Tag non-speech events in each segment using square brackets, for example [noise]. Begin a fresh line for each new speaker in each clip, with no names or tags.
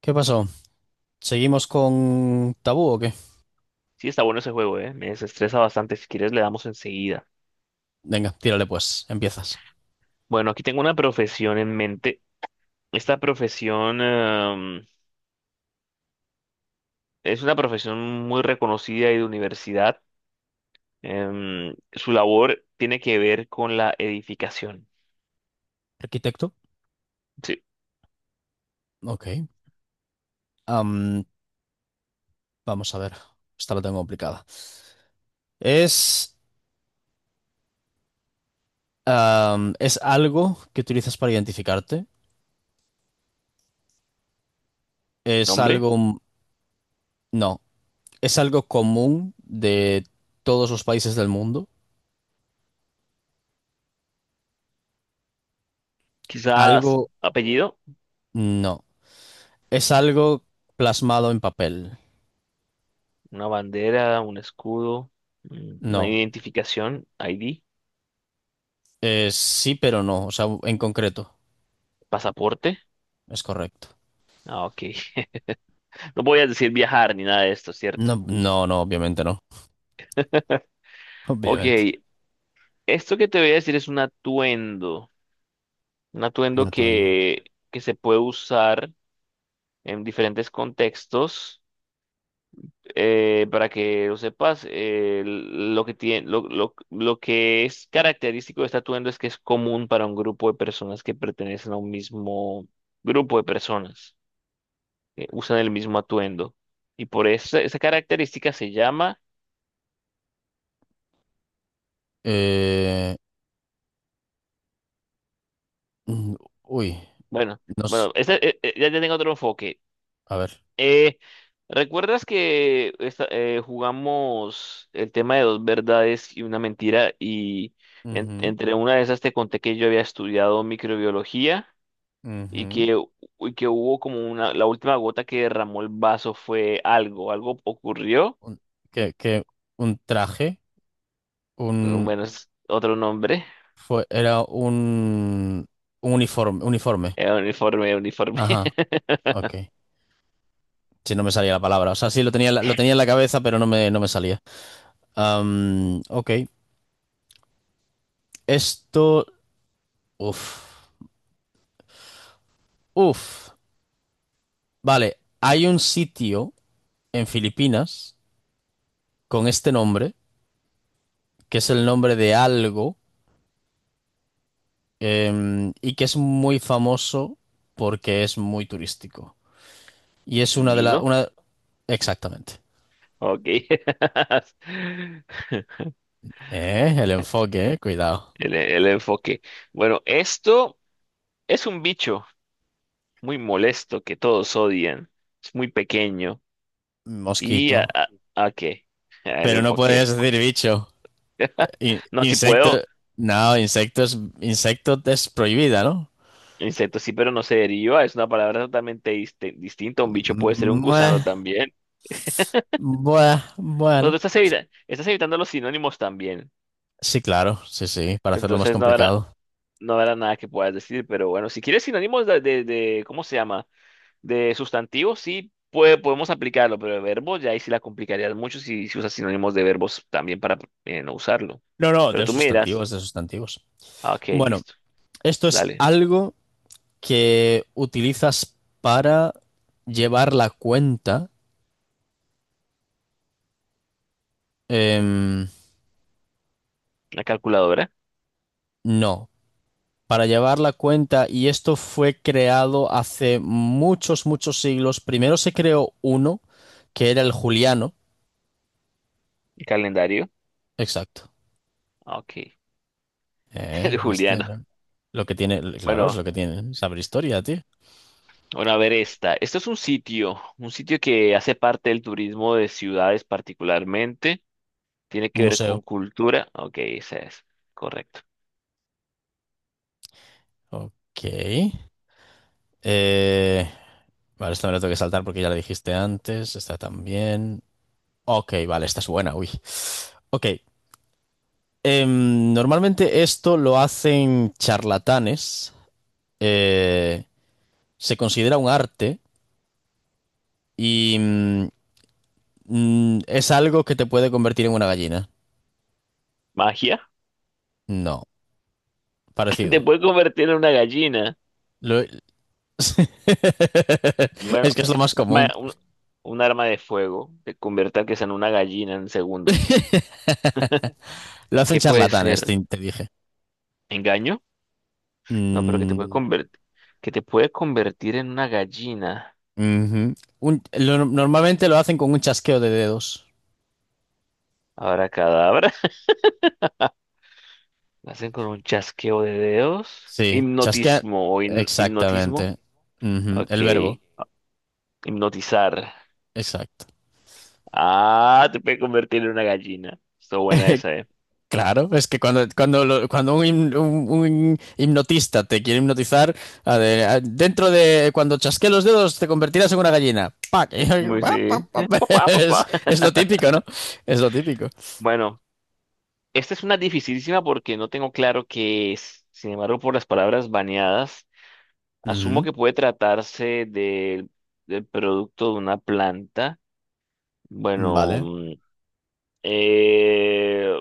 ¿Qué pasó? ¿Seguimos con tabú o qué?
Sí, está bueno ese juego, ¿eh? Me desestresa bastante. Si quieres, le damos enseguida.
Venga, tírale pues, empiezas.
Bueno, aquí tengo una profesión en mente. Esta profesión, es una profesión muy reconocida y de universidad. Su labor tiene que ver con la edificación.
Arquitecto.
Sí.
Ok. Am, vamos a ver, esta la tengo complicada. Es, es algo que utilizas para identificarte. Es
Nombre,
algo, no, es algo común de todos los países del mundo.
quizás
Algo,
apellido,
no. Es algo plasmado en papel.
una bandera, un escudo, una
No.
identificación, ID,
Es sí, pero no. O sea, en concreto.
pasaporte.
Es correcto.
Ah, ok. [laughs] No voy a decir viajar ni nada de esto, ¿cierto?
No, no, no, obviamente no. [laughs]
Ok,
Obviamente.
esto que te voy a decir es un atuendo
Rotundo.
que se puede usar en diferentes contextos. Para que lo sepas, lo que tiene, lo que es característico de este atuendo es que es común para un grupo de personas que pertenecen a un mismo grupo de personas, que usan el mismo atuendo. Y por esa, esa característica se llama,
Eh, mm, uy,
bueno,
nos,
ya tengo otro enfoque.
a ver.
Eh, ¿Recuerdas que jugamos el tema de dos verdades y una mentira? Y
Ujú,
entre una de esas te conté que yo había estudiado microbiología y
ujú.
y que hubo como una, la última gota que derramó el vaso fue algo, algo ocurrió.
Un, que un traje, un,
Bueno, es otro nombre.
era un uniforme, uniforme.
Uniforme, uniforme.
Ajá,
[laughs]
ok. Si no me salía la palabra. O sea, sí lo tenía, lo tenía en la cabeza, pero no me salía. Ok. Esto, uf, uf. Vale, hay un sitio en Filipinas con este nombre, que es el nombre de algo. Y que es muy famoso porque es muy turístico. Y es una de las,
Nido.
una. Exactamente.
Ok. [laughs]
El enfoque, cuidado.
El enfoque. Bueno, esto es un bicho muy molesto que todos odian. Es muy pequeño. ¿Y
Mosquito.
a qué? [laughs] El
Pero no
enfoque.
puedes decir bicho.
No, si
Insecto.
puedo.
No, insecto es prohibida, ¿no?
Insecto sí, pero no se deriva. Es una palabra totalmente distinta. Un bicho puede ser un gusano
Bueno,
también. O sea,
bueno.
tú estás evitando los sinónimos también.
Sí, claro, sí, sí, para hacerlo más
Entonces no habrá,
complicado.
no habrá nada que puedas decir. Pero bueno, si quieres sinónimos de ¿cómo se llama? De sustantivos, sí puede, podemos aplicarlo. Pero de verbo, ya ahí sí la complicarías mucho si, si usas sinónimos de verbos también para no usarlo.
No, no,
Pero
de
tú miras.
sustantivos, de sustantivos.
Ah, ok,
Bueno,
listo.
esto es
Dale.
algo que utilizas para llevar la cuenta. Em,
La calculadora,
no, para llevar la cuenta, y esto fue creado hace muchos, muchos siglos. Primero se creó uno, que era el Juliano.
el calendario.
Exacto.
Ah, ok. [laughs]
Eh,
El
¿viste?
Juliano.
Lo que tiene, claro, es
Bueno,
lo que tiene. Saber historia, tío.
bueno, a ver esta. Esto es un sitio que hace parte del turismo de ciudades particularmente. Tiene
Un
que ver
museo.
con cultura. Ok, esa es. Correcto.
Ok. Eh, vale, esta me la tengo que saltar porque ya la dijiste antes. Esta también. Ok, vale, esta es buena, uy. Ok, normalmente esto lo hacen charlatanes, eh, se considera un arte y es algo que te puede convertir en una gallina.
Magia.
No,
[laughs] Te
parecido.
puede convertir en una gallina.
Lo- [laughs]
Bueno,
Es que es lo más
un,
común.
arma un- un arma de fuego. Te convierte a que sea en una gallina en segundos.
Lo hacen
¿Qué puede
charlatanes,
ser?
te dije.
¿Engaño? No, pero que te puede
Mm,
convertir, que te puede convertir en una gallina.
ujú. Normalmente lo hacen con un chasqueo de dedos.
Ahora cadabra. [laughs] Lo hacen con un chasqueo de dedos.
Sí, chasquea.
Hipnotismo o hipnotismo.
Exactamente. Ujú.
Ok.
El verbo.
Hipnotizar.
Exacto.
Ah, te puede convertir en una gallina. Está buena
[laughs]
esa, eh.
Claro, es que cuando un hipnotista te quiere hipnotizar, dentro de cuando chasquees los dedos te convertirás en una gallina. ¡Pac!
Es
[laughs]
muy
Pa, pa,
sí.
pa, pa.
Papá,
Es,
papá.
es lo
[laughs]
típico, ¿no? Es lo típico.
Bueno, esta es una dificilísima porque no tengo claro qué es. Sin embargo, por las palabras baneadas, asumo
Ujú.
que puede tratarse del producto de una planta. Bueno.
Vale.
Eh,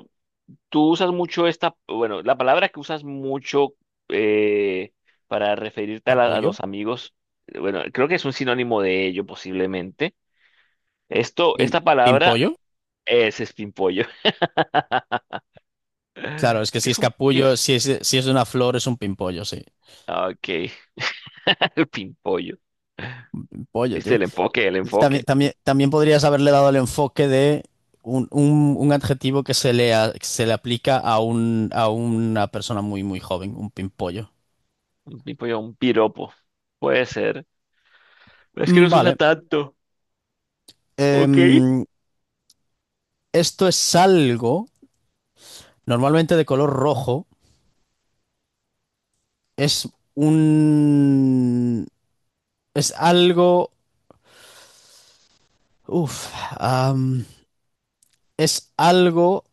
Tú usas mucho esta, bueno, la palabra que usas mucho eh, para referirte a, a
¿Capullo?
los amigos, bueno, creo que es un sinónimo de ello posiblemente. Esto,
¿Pim-
esta palabra
¿Pimpollo?
es pimpollo.
Claro,
[laughs]
es que
¿Qué
si
es
es
un, qué
capullo,
es?
si es de una flor, es un pimpollo, sí.
Ah, ok, [laughs] el pimpollo.
Pollo,
¿Viste
tío.
el enfoque, el
También,
enfoque?
también, también podrías haberle dado el enfoque de un adjetivo que se le aplica a una persona muy, muy joven, un pimpollo.
Un pimpollo, un piropo. Puede ser. Pero es que
Mm.
no se usa
Vale.
tanto. Ok.
Em, esto es algo normalmente de color rojo. Es un, es algo, uf, am, es algo.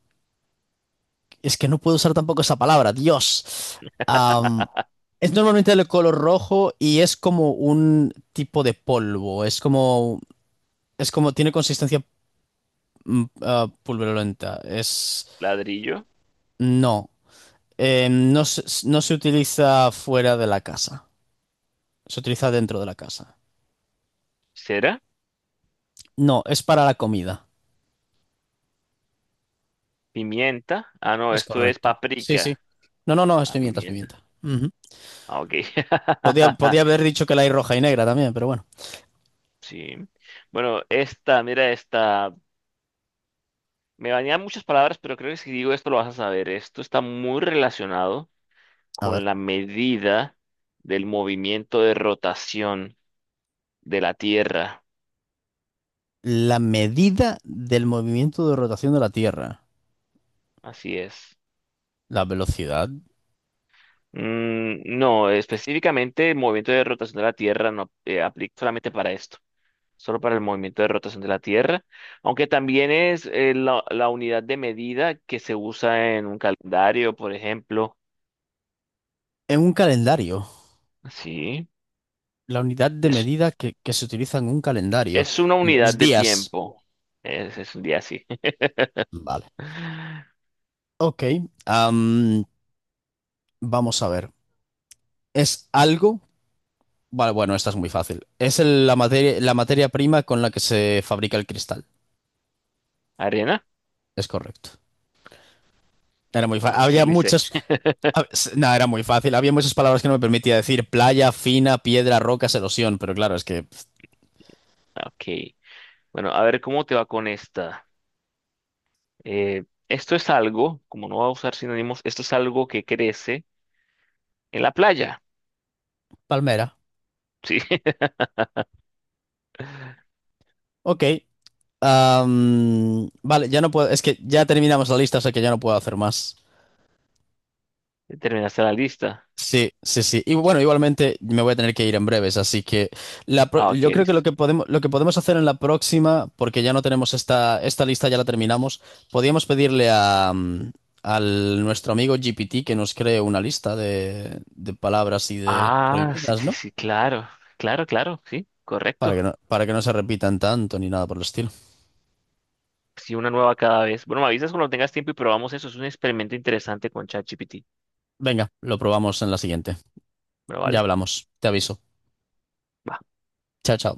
Es que no puedo usar tampoco esa palabra. Dios. Es normalmente de color rojo y es como un tipo de polvo. Tiene consistencia pulverulenta. Es,
Ladrillo,
no, Eh, no se, no se utiliza fuera de la casa. Se utiliza dentro de la casa.
cera,
No, es para la comida.
pimienta. Ah, no,
Es
esto es
correcto. Sí, sí.
paprika.
No, no, no, es
Ah,
pimienta, es
pimienta.
pimienta. Ujú.
Ah, ok.
Podía haber
[laughs]
dicho que la hay roja y negra también, pero bueno.
Sí. Bueno, esta, mira esta. Me bañan muchas palabras, pero creo que si digo esto lo vas a saber. Esto está muy relacionado
A
con
ver.
la medida del movimiento de rotación de la Tierra.
La medida del movimiento de rotación de la Tierra.
Así es.
La velocidad.
Mm, no, específicamente el movimiento de rotación de la Tierra no aplica solamente para esto, solo para el movimiento de rotación de la Tierra, aunque también es la, la unidad de medida que se usa en un calendario, por ejemplo.
En un calendario.
Sí,
La unidad de
es,
medida que se utiliza en un calendario.
es una unidad
Los
de
días.
tiempo. Es un día así.
Vale.
[laughs]
Ok. am, vamos a ver. ¿Es algo? Vale, bueno, esta es muy fácil. Es la materia prima con la que se fabrica el cristal.
¿Arena?
Es correcto. Era muy fácil.
Ok, sí,
Había
lo hice.
muchas. No, era muy fácil. Había muchas palabras que no me permitía decir. Playa, fina, piedra, rocas, erosión. Pero claro, es que.
Ok. Bueno, a ver cómo te va con esta. Esto es algo, como no va a usar sinónimos, esto es algo que crece en la playa.
Palmera.
Sí, [laughs]
Ok. Vale, ya no puedo. Es que ya terminamos la lista, o sea que ya no puedo hacer más.
terminaste la lista.
Sí, sí, sí. Y bueno, igualmente me voy a tener que ir en breves, así que
Ah, ok,
yo creo que lo
listo.
que podemos, lo que podemos hacer en la próxima, porque ya no tenemos esta, lista, ya la terminamos, podríamos pedirle al nuestro amigo GPT que nos cree una lista de palabras y de
Ah, sí,
prohibidas,
sí,
¿no?
sí, claro. Claro, claro, sí,
Para que
correcto.
no, para que no se repitan tanto ni nada por el estilo.
Sí, una nueva cada vez. Bueno, me avisas cuando tengas tiempo y probamos eso. Es un experimento interesante con ChatGPT.
Venga, lo probamos en la siguiente.
Bueno,
Ya
vale.
hablamos. Te aviso. Chao, chao.